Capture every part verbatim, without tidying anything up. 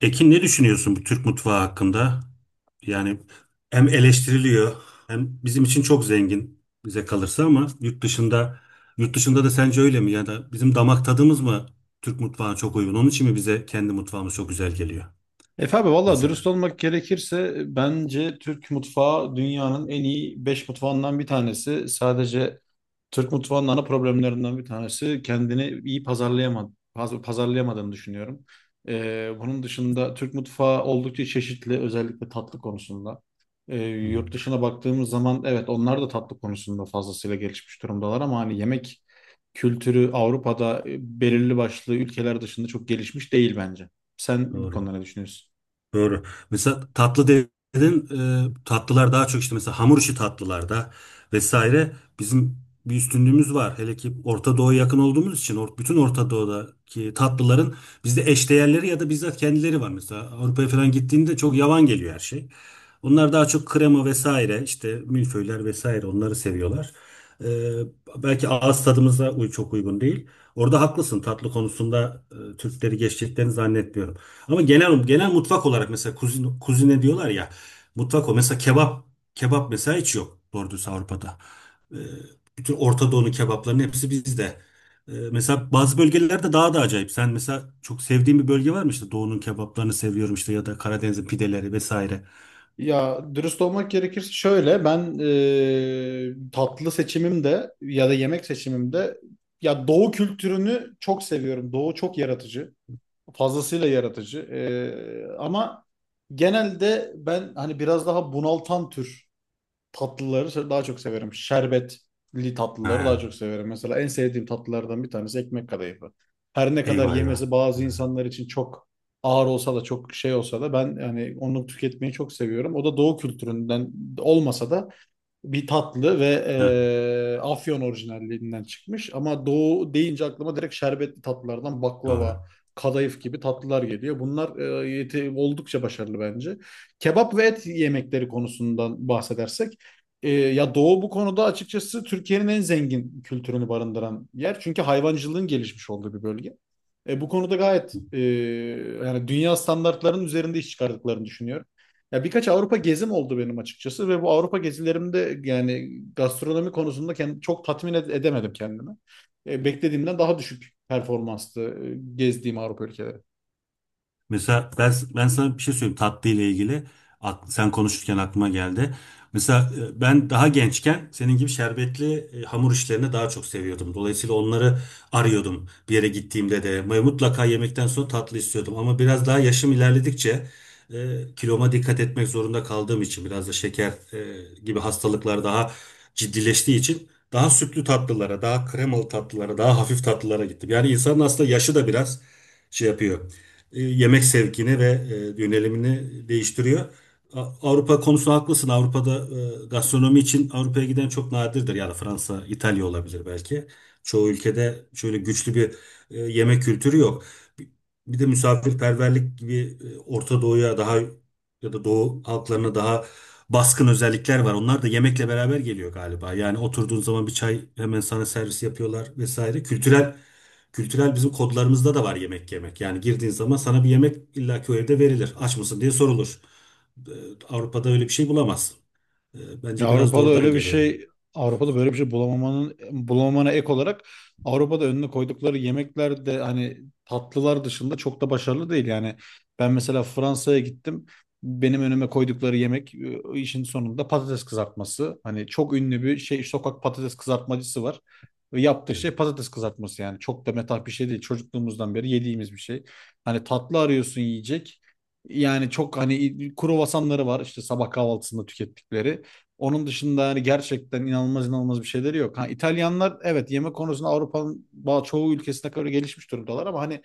Ekin ne düşünüyorsun bu Türk mutfağı hakkında? Yani hem eleştiriliyor hem bizim için çok zengin bize kalırsa ama yurt dışında yurt dışında da sence öyle mi? Ya da bizim damak tadımız mı Türk mutfağına çok uygun? Onun için mi bize kendi mutfağımız çok güzel geliyor Efe abi valla dürüst mesela? olmak gerekirse bence Türk mutfağı dünyanın en iyi beş mutfağından bir tanesi. Sadece Türk mutfağının ana problemlerinden bir tanesi kendini iyi pazarlayama- paz- pazarlayamadığını düşünüyorum. Ee, bunun dışında Türk mutfağı oldukça çeşitli özellikle tatlı konusunda. Ee, Hı, Yurt dışına baktığımız zaman evet onlar da tatlı konusunda fazlasıyla gelişmiş durumdalar ama hani yemek kültürü Avrupa'da e, belirli başlı ülkeler dışında çok gelişmiş değil bence. Sen bu doğru. konuda ne düşünüyorsun? Doğru. Mesela tatlı dedin, e, tatlılar daha çok işte mesela hamur işi tatlılarda vesaire bizim bir üstünlüğümüz var. Hele ki Orta Doğu'ya yakın olduğumuz için or- bütün Orta Doğu'daki tatlıların bizde eşdeğerleri ya da bizzat kendileri var. Mesela Avrupa'ya falan gittiğinde çok yavan geliyor her şey. Onlar daha çok krema vesaire işte milföyler vesaire onları seviyorlar. E, belki ağız tadımıza uy- çok uygun değil. Orada haklısın tatlı konusunda e, Türkleri geçeceklerini zannetmiyorum. Ama genel genel mutfak olarak mesela kuzine, kuzine diyorlar ya mutfak o mesela kebap kebap mesela hiç yok doğru dürüst Avrupa'da. Ee, bütün Orta Doğu'nun kebaplarının hepsi bizde. Ee, mesela bazı bölgelerde daha da acayip. Sen mesela çok sevdiğin bir bölge var mı işte Doğu'nun kebaplarını seviyorum işte ya da Karadeniz'in pideleri vesaire. Ya dürüst olmak gerekirse şöyle ben e, tatlı seçimimde ya da yemek seçimimde ya Doğu kültürünü çok seviyorum. Doğu çok yaratıcı. Fazlasıyla yaratıcı. E, ama genelde ben hani biraz daha bunaltan tür tatlıları se- daha çok severim. Şerbetli tatlıları daha Ha, çok severim. Mesela en sevdiğim tatlılardan bir tanesi ekmek kadayıfı. Her ne kadar eyvah eyvah. yemesi Ha, bazı insanlar için çok ağır olsa da çok şey olsa da ben yani onu tüketmeyi çok seviyorum. O da doğu kültüründen olmasa da bir tatlı ve ha, eee, Afyon orijinallerinden çıkmış. Ama Doğu deyince aklıma direkt şerbetli tatlılardan doğru. baklava, kadayıf gibi tatlılar geliyor. Bunlar eee, yeti- oldukça başarılı bence. Kebap ve et yemekleri konusundan bahsedersek, eee, ya Doğu bu konuda açıkçası Türkiye'nin en zengin kültürünü barındıran yer. Çünkü hayvancılığın gelişmiş olduğu bir bölge. E, bu konuda gayet eee, yani dünya standartlarının üzerinde iş çıkardıklarını düşünüyorum. Ya birkaç Avrupa gezim oldu benim açıkçası ve bu Avrupa gezilerimde yani gastronomi konusunda kend- çok tatmin ed- edemedim kendimi. E, beklediğimden daha düşük performanstı e, gezdiğim Avrupa ülkeleri. Mesela ben ben sana bir şey söyleyeyim tatlı ile ilgili. Ak- Sen konuşurken aklıma geldi. Mesela e, ben daha gençken senin gibi şerbetli e, hamur işlerini daha çok seviyordum. Dolayısıyla onları arıyordum bir yere gittiğimde de. Ve mutlaka yemekten sonra tatlı istiyordum. Ama biraz daha yaşım ilerledikçe e, kiloma dikkat etmek zorunda kaldığım için biraz da şeker e, gibi hastalıklar daha ciddileştiği için daha sütlü tatlılara, daha kremalı tatlılara, daha hafif tatlılara gittim. Yani insanın aslında yaşı da biraz şey yapıyor e, yemek sevkini ve e, yönelimini değiştiriyor. A- Avrupa konusu haklısın. Avrupa'da e, gastronomi için Avrupa'ya giden çok nadirdir. Yani Fransa, İtalya olabilir belki. Çoğu ülkede şöyle güçlü bir e, yemek kültürü yok. Bir bir de misafirperverlik gibi e, Orta Doğu'ya daha ya da Doğu halklarına daha baskın özellikler var. Onlar da yemekle beraber geliyor galiba. Yani oturduğun zaman bir çay hemen sana servis yapıyorlar vesaire. Kültürel Kültürel bizim kodlarımızda da var yemek yemek. Yani girdiğin zaman sana bir yemek illaki o evde verilir. Aç mısın diye sorulur. Ee, Avrupa'da öyle bir şey bulamazsın. Ee, Ya Bence biraz da Avrupa'da oradan öyle bir geliyor. şey, Avrupa'da böyle bir şey bulamamanın bulamamana ek olarak Avrupa'da önüne koydukları yemekler de hani tatlılar dışında çok da başarılı değil. Yani ben mesela Fransa'ya gittim. Benim önüme koydukları yemek e, işin sonunda patates kızartması. Hani çok ünlü bir şey sokak patates kızartmacısı var. Ve yaptığı şey patates kızartması yani. Çok da metah bir şey değil. Çocukluğumuzdan beri yediğimiz bir şey. Hani tatlı arıyorsun yiyecek. Yani çok hani kruvasanları var işte sabah kahvaltısında tükettikleri. Onun dışında hani gerçekten inanılmaz inanılmaz bir şeyleri yok. Ha, İtalyanlar evet yemek konusunda Avrupa'nın ba- çoğu ülkesine kadar gelişmiş durumdalar ama hani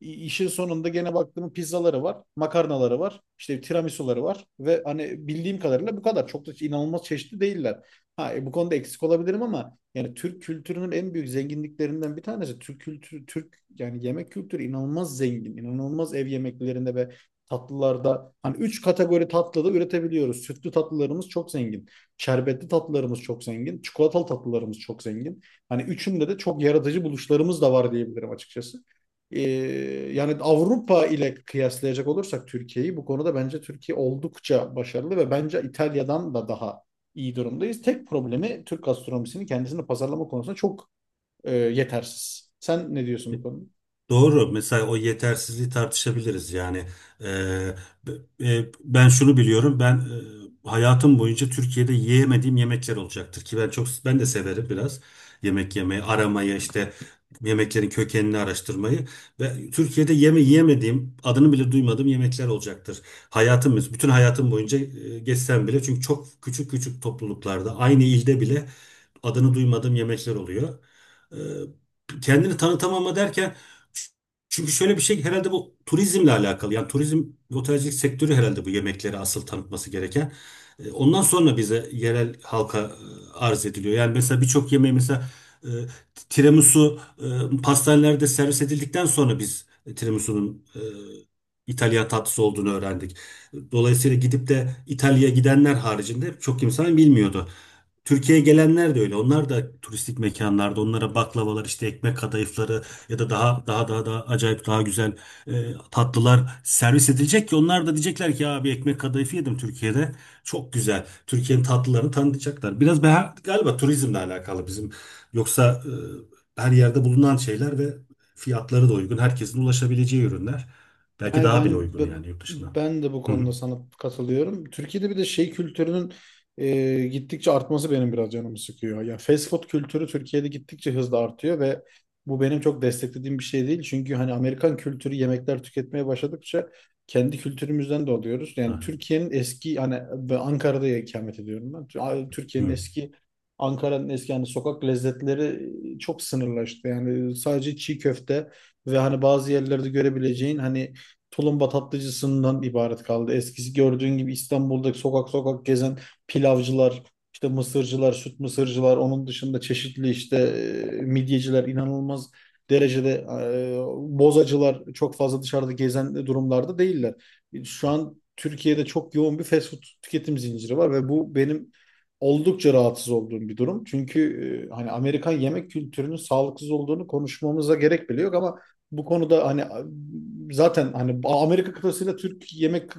i- işin sonunda gene baktığım pizzaları var, makarnaları var, işte tiramisuları var ve hani bildiğim kadarıyla bu kadar. Çok da inanılmaz çeşitli değiller. Ha, e, bu konuda eksik olabilirim ama yani Türk kültürünün en büyük zenginliklerinden bir tanesi Türk kültürü, Türk yani yemek kültürü inanılmaz zengin, inanılmaz ev yemeklerinde ve tatlılarda hani üç kategori tatlı da üretebiliyoruz. Sütlü tatlılarımız çok zengin. Şerbetli tatlılarımız çok zengin. Çikolatalı tatlılarımız çok zengin. Hani üçünde de çok yaratıcı buluşlarımız da var diyebilirim açıkçası. Ee, Yani Avrupa ile kıyaslayacak olursak Türkiye'yi bu konuda bence Türkiye oldukça başarılı ve bence İtalya'dan da daha iyi durumdayız. Tek problemi Türk gastronomisinin kendisini pazarlama konusunda çok e, yetersiz. Sen ne diyorsun bu Evet. konuda? Doğru. Mesela o yetersizliği tartışabiliriz. Yani e, b- e, ben şunu biliyorum. Ben e, hayatım boyunca Türkiye'de yiyemediğim yemekler olacaktır ki ben çok ben de severim biraz yemek yemeyi, aramayı işte yemeklerin kökenini araştırmayı ve Türkiye'de yeme yiyemediğim, adını bile duymadığım yemekler olacaktır. Hayatımız, bütün hayatım boyunca e, geçsem bile çünkü çok küçük küçük topluluklarda aynı ilde bile adını duymadığım yemekler oluyor. E, kendini tanıtamama derken çünkü şöyle bir şey herhalde bu turizmle alakalı. Yani turizm ve otelcilik sektörü herhalde bu yemekleri asıl tanıtması gereken. E, Ondan sonra bize yerel halka e, arz ediliyor. Yani mesela birçok yemeği mesela e, tiramisu e, pastanelerde servis edildikten sonra biz tiramisu'nun e, İtalyan tatlısı olduğunu öğrendik. Dolayısıyla gidip de İtalya'ya gidenler haricinde çok insan bilmiyordu. Türkiye'ye gelenler de öyle. Onlar da turistik mekanlarda onlara baklavalar işte ekmek kadayıfları ya da daha daha daha daha acayip daha güzel e, tatlılar servis edilecek ki onlar da diyecekler ki ya bir ekmek kadayıfı yedim Türkiye'de. Çok güzel. Türkiye'nin tatlılarını tanıtacaklar. Biraz ben, galiba turizmle alakalı bizim. Yoksa e, her yerde bulunan şeyler ve fiyatları da uygun. Herkesin ulaşabileceği ürünler. Belki Yani daha bile ben uygun b- yani yurt dışına. ben de bu Hı hı. konuda sana katılıyorum. Türkiye'de bir de şey kültürünün e, gittikçe artması benim biraz canımı sıkıyor. Ya fast food kültürü Türkiye'de gittikçe hızla artıyor ve bu benim çok desteklediğim bir şey değil. Çünkü hani Amerikan kültürü yemekler tüketmeye başladıkça kendi kültürümüzden de oluyoruz. Yani Ha, Türkiye'nin eski hani ben Ankara'da ikamet ediyorum ben. A- Türkiye'nin hı. eski Ankara'nın eski yani sokak lezzetleri e, çok sınırlaştı. Yani sadece çiğ köfte ve hani bazı yerlerde görebileceğin hani tulumba tatlıcısından ibaret kaldı. Eskisi gördüğün gibi İstanbul'daki sokak sokak gezen pilavcılar, işte mısırcılar, süt mısırcılar, onun dışında çeşitli işte e, midyeciler inanılmaz derecede e, bozacılar çok fazla dışarıda gezen durumlarda değiller. Şu an Türkiye'de çok yoğun bir fast food tüketim zinciri var ve bu benim oldukça rahatsız olduğum bir durum. Çünkü e, hani Amerikan yemek kültürünün sağlıksız olduğunu konuşmamıza gerek bile yok ama bu konuda hani zaten hani Amerika kıtasıyla Türk yemek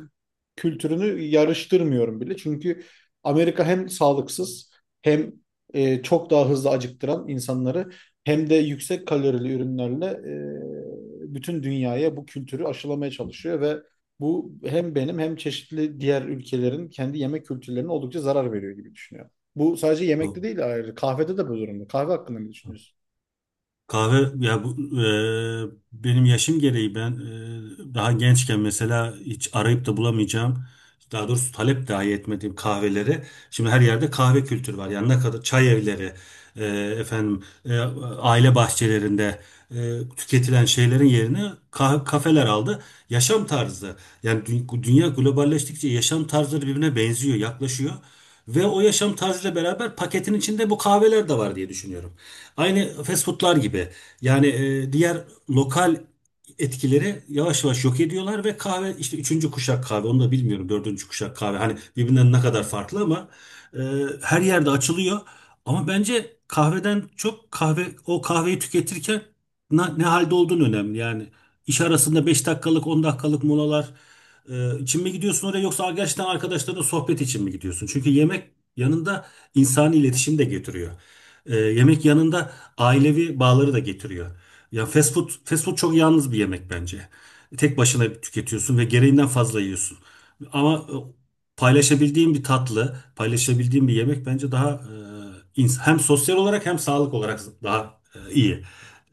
kültürünü yarıştırmıyorum bile. Çünkü Amerika hem sağlıksız hem e, çok daha hızlı acıktıran insanları hem de yüksek kalorili ürünlerle e, bütün dünyaya bu kültürü aşılamaya çalışıyor ve bu hem benim hem çeşitli diğer ülkelerin kendi yemek kültürlerine oldukça zarar veriyor gibi düşünüyorum. Bu sadece yemekte O- değil ayrı. Kahvede de bu durumda. Kahve hakkında ne düşünüyorsun? Kahve ya bu e, benim yaşım gereği ben e, daha gençken mesela hiç arayıp da bulamayacağım daha doğrusu talep dahi etmediğim kahveleri. Şimdi her yerde kahve kültürü var. Yani ne kadar çay evleri, e, efendim e, aile bahçelerinde e, tüketilen şeylerin yerine ka- kafeler aldı. Yaşam tarzı. Yani dü- dünya globalleştikçe yaşam tarzları birbirine benziyor, yaklaşıyor. Ve o yaşam tarzıyla beraber paketin içinde bu kahveler de var diye düşünüyorum. Aynı fast foodlar gibi. Yani e, diğer lokal etkileri yavaş yavaş yok ediyorlar ve kahve işte üçüncü kuşak kahve onu da bilmiyorum dördüncü kuşak kahve hani birbirinden ne kadar farklı ama e, her yerde açılıyor ama bence kahveden çok kahve o kahveyi tüketirken na- ne, halde olduğun önemli yani iş arasında beş dakikalık on dakikalık molalar e, için mi gidiyorsun oraya yoksa gerçekten arkadaşlarınla sohbet için mi gidiyorsun çünkü yemek yanında insani iletişim de getiriyor. E, yemek yanında ailevi bağları da getiriyor ya fast food, fast food çok yalnız bir yemek bence. Tek başına tüketiyorsun ve gereğinden fazla yiyorsun. Ama e, paylaşabildiğin bir tatlı, paylaşabildiğin bir yemek bence daha e, ins- hem sosyal olarak hem sağlık olarak daha e, iyi.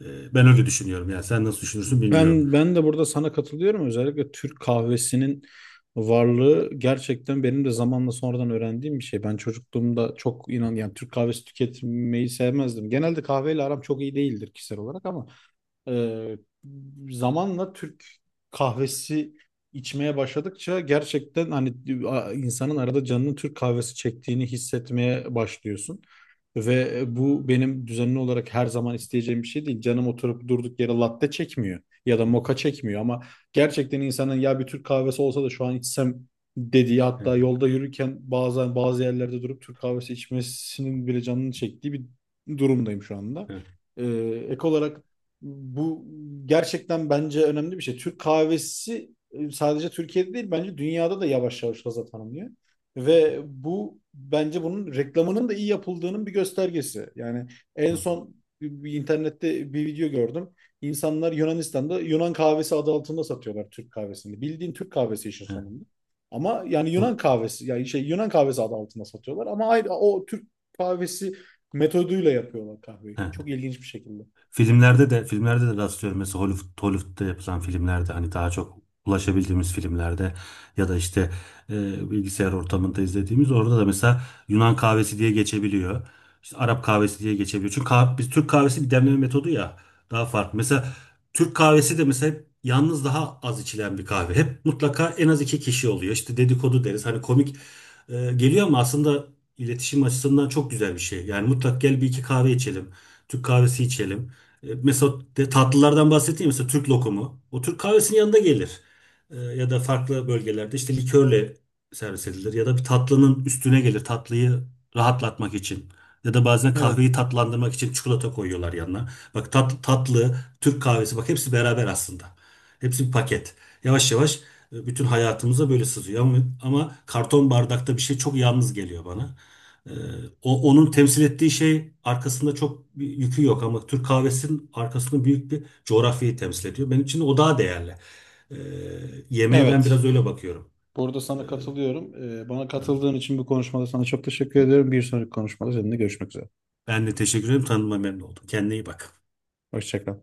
E, ben öyle düşünüyorum. Yani sen nasıl düşünürsün bilmiyorum. Ben ben de burada sana katılıyorum. Özellikle Türk kahvesinin varlığı gerçekten benim de zamanla sonradan öğrendiğim bir şey. Ben çocukluğumda çok inan yani Türk kahvesi tüketmeyi sevmezdim. Genelde kahveyle aram çok iyi değildir kişisel olarak ama ee, zamanla Türk kahvesi içmeye başladıkça gerçekten hani a- insanın arada canının Türk kahvesi çektiğini hissetmeye başlıyorsun. Ve e, bu benim düzenli olarak her zaman isteyeceğim bir şey değil. Canım oturup durduk yere latte çekmiyor ya da moka çekmiyor ama gerçekten insanın ya bir Türk kahvesi olsa da şu an içsem dediği Evet, hatta yolda yürürken bazen bazı yerlerde durup Türk kahvesi içmesinin bile canını çektiği bir durumdayım şu anda. evet. Ee, Ek olarak bu gerçekten bence önemli bir şey. Türk kahvesi e, sadece Türkiye'de değil bence dünyada da yavaş yavaş gaza tanımlıyor. Ve bu bence bunun reklamının da iyi yapıldığının bir göstergesi. Yani en O- son bir bir internette bir video gördüm. İnsanlar Yunanistan'da Yunan kahvesi adı altında satıyorlar Türk kahvesini. Bildiğin Türk kahvesi işin evet, sonunda. Ama yani o- Yunan kahvesi yani şey Yunan kahvesi adı altında satıyorlar ama ayrı o Türk kahvesi metoduyla yapıyorlar kahveyi. evet. Çok ilginç bir şekilde. Filmlerde de filmlerde de rastlıyorum. Mesela Hollywood, Hollywood'da yapılan filmlerde hani daha çok ulaşabildiğimiz filmlerde ya da işte e, bilgisayar ortamında izlediğimiz orada da mesela Yunan kahvesi diye geçebiliyor. İşte Arap kahvesi diye geçebiliyor. Çünkü kah- biz Türk kahvesi bir demleme metodu ya daha farklı. Mesela Türk kahvesi de mesela hep yalnız daha az içilen bir kahve. Hep mutlaka en az iki kişi oluyor. İşte dedikodu deriz. Hani komik e, geliyor ama aslında iletişim açısından çok güzel bir şey. Yani mutlak gel bir iki kahve içelim. Türk kahvesi içelim. E, Mesela de- tatlılardan bahsettiğim mesela Türk lokumu. O Türk kahvesinin yanında gelir. E, Ya da farklı bölgelerde işte likörle servis edilir. Ya da bir tatlının üstüne gelir tatlıyı rahatlatmak için. Ya da bazen Evet. kahveyi tatlandırmak için çikolata koyuyorlar yanına. Bak tat, tatlı, Türk kahvesi bak hepsi beraber aslında. Hepsi bir paket. Yavaş yavaş e, bütün hayatımıza böyle sızıyor. Ama, ama karton bardakta bir şey çok yalnız geliyor bana. Ee, o, onun temsil ettiği şey arkasında çok bir yükü yok ama Türk kahvesinin arkasında büyük bir coğrafyayı temsil ediyor. Benim için o daha değerli. Ee, yemeğe ben Evet. biraz öyle bakıyorum. Burada Ee, sana katılıyorum. Ee, bana katıldığın için bu konuşmada sana çok teşekkür ederim. Bir sonraki konuşmada seninle görüşmek üzere. ben de teşekkür ederim. Tanıma memnun oldum. Kendine iyi bak. Hoşça kal.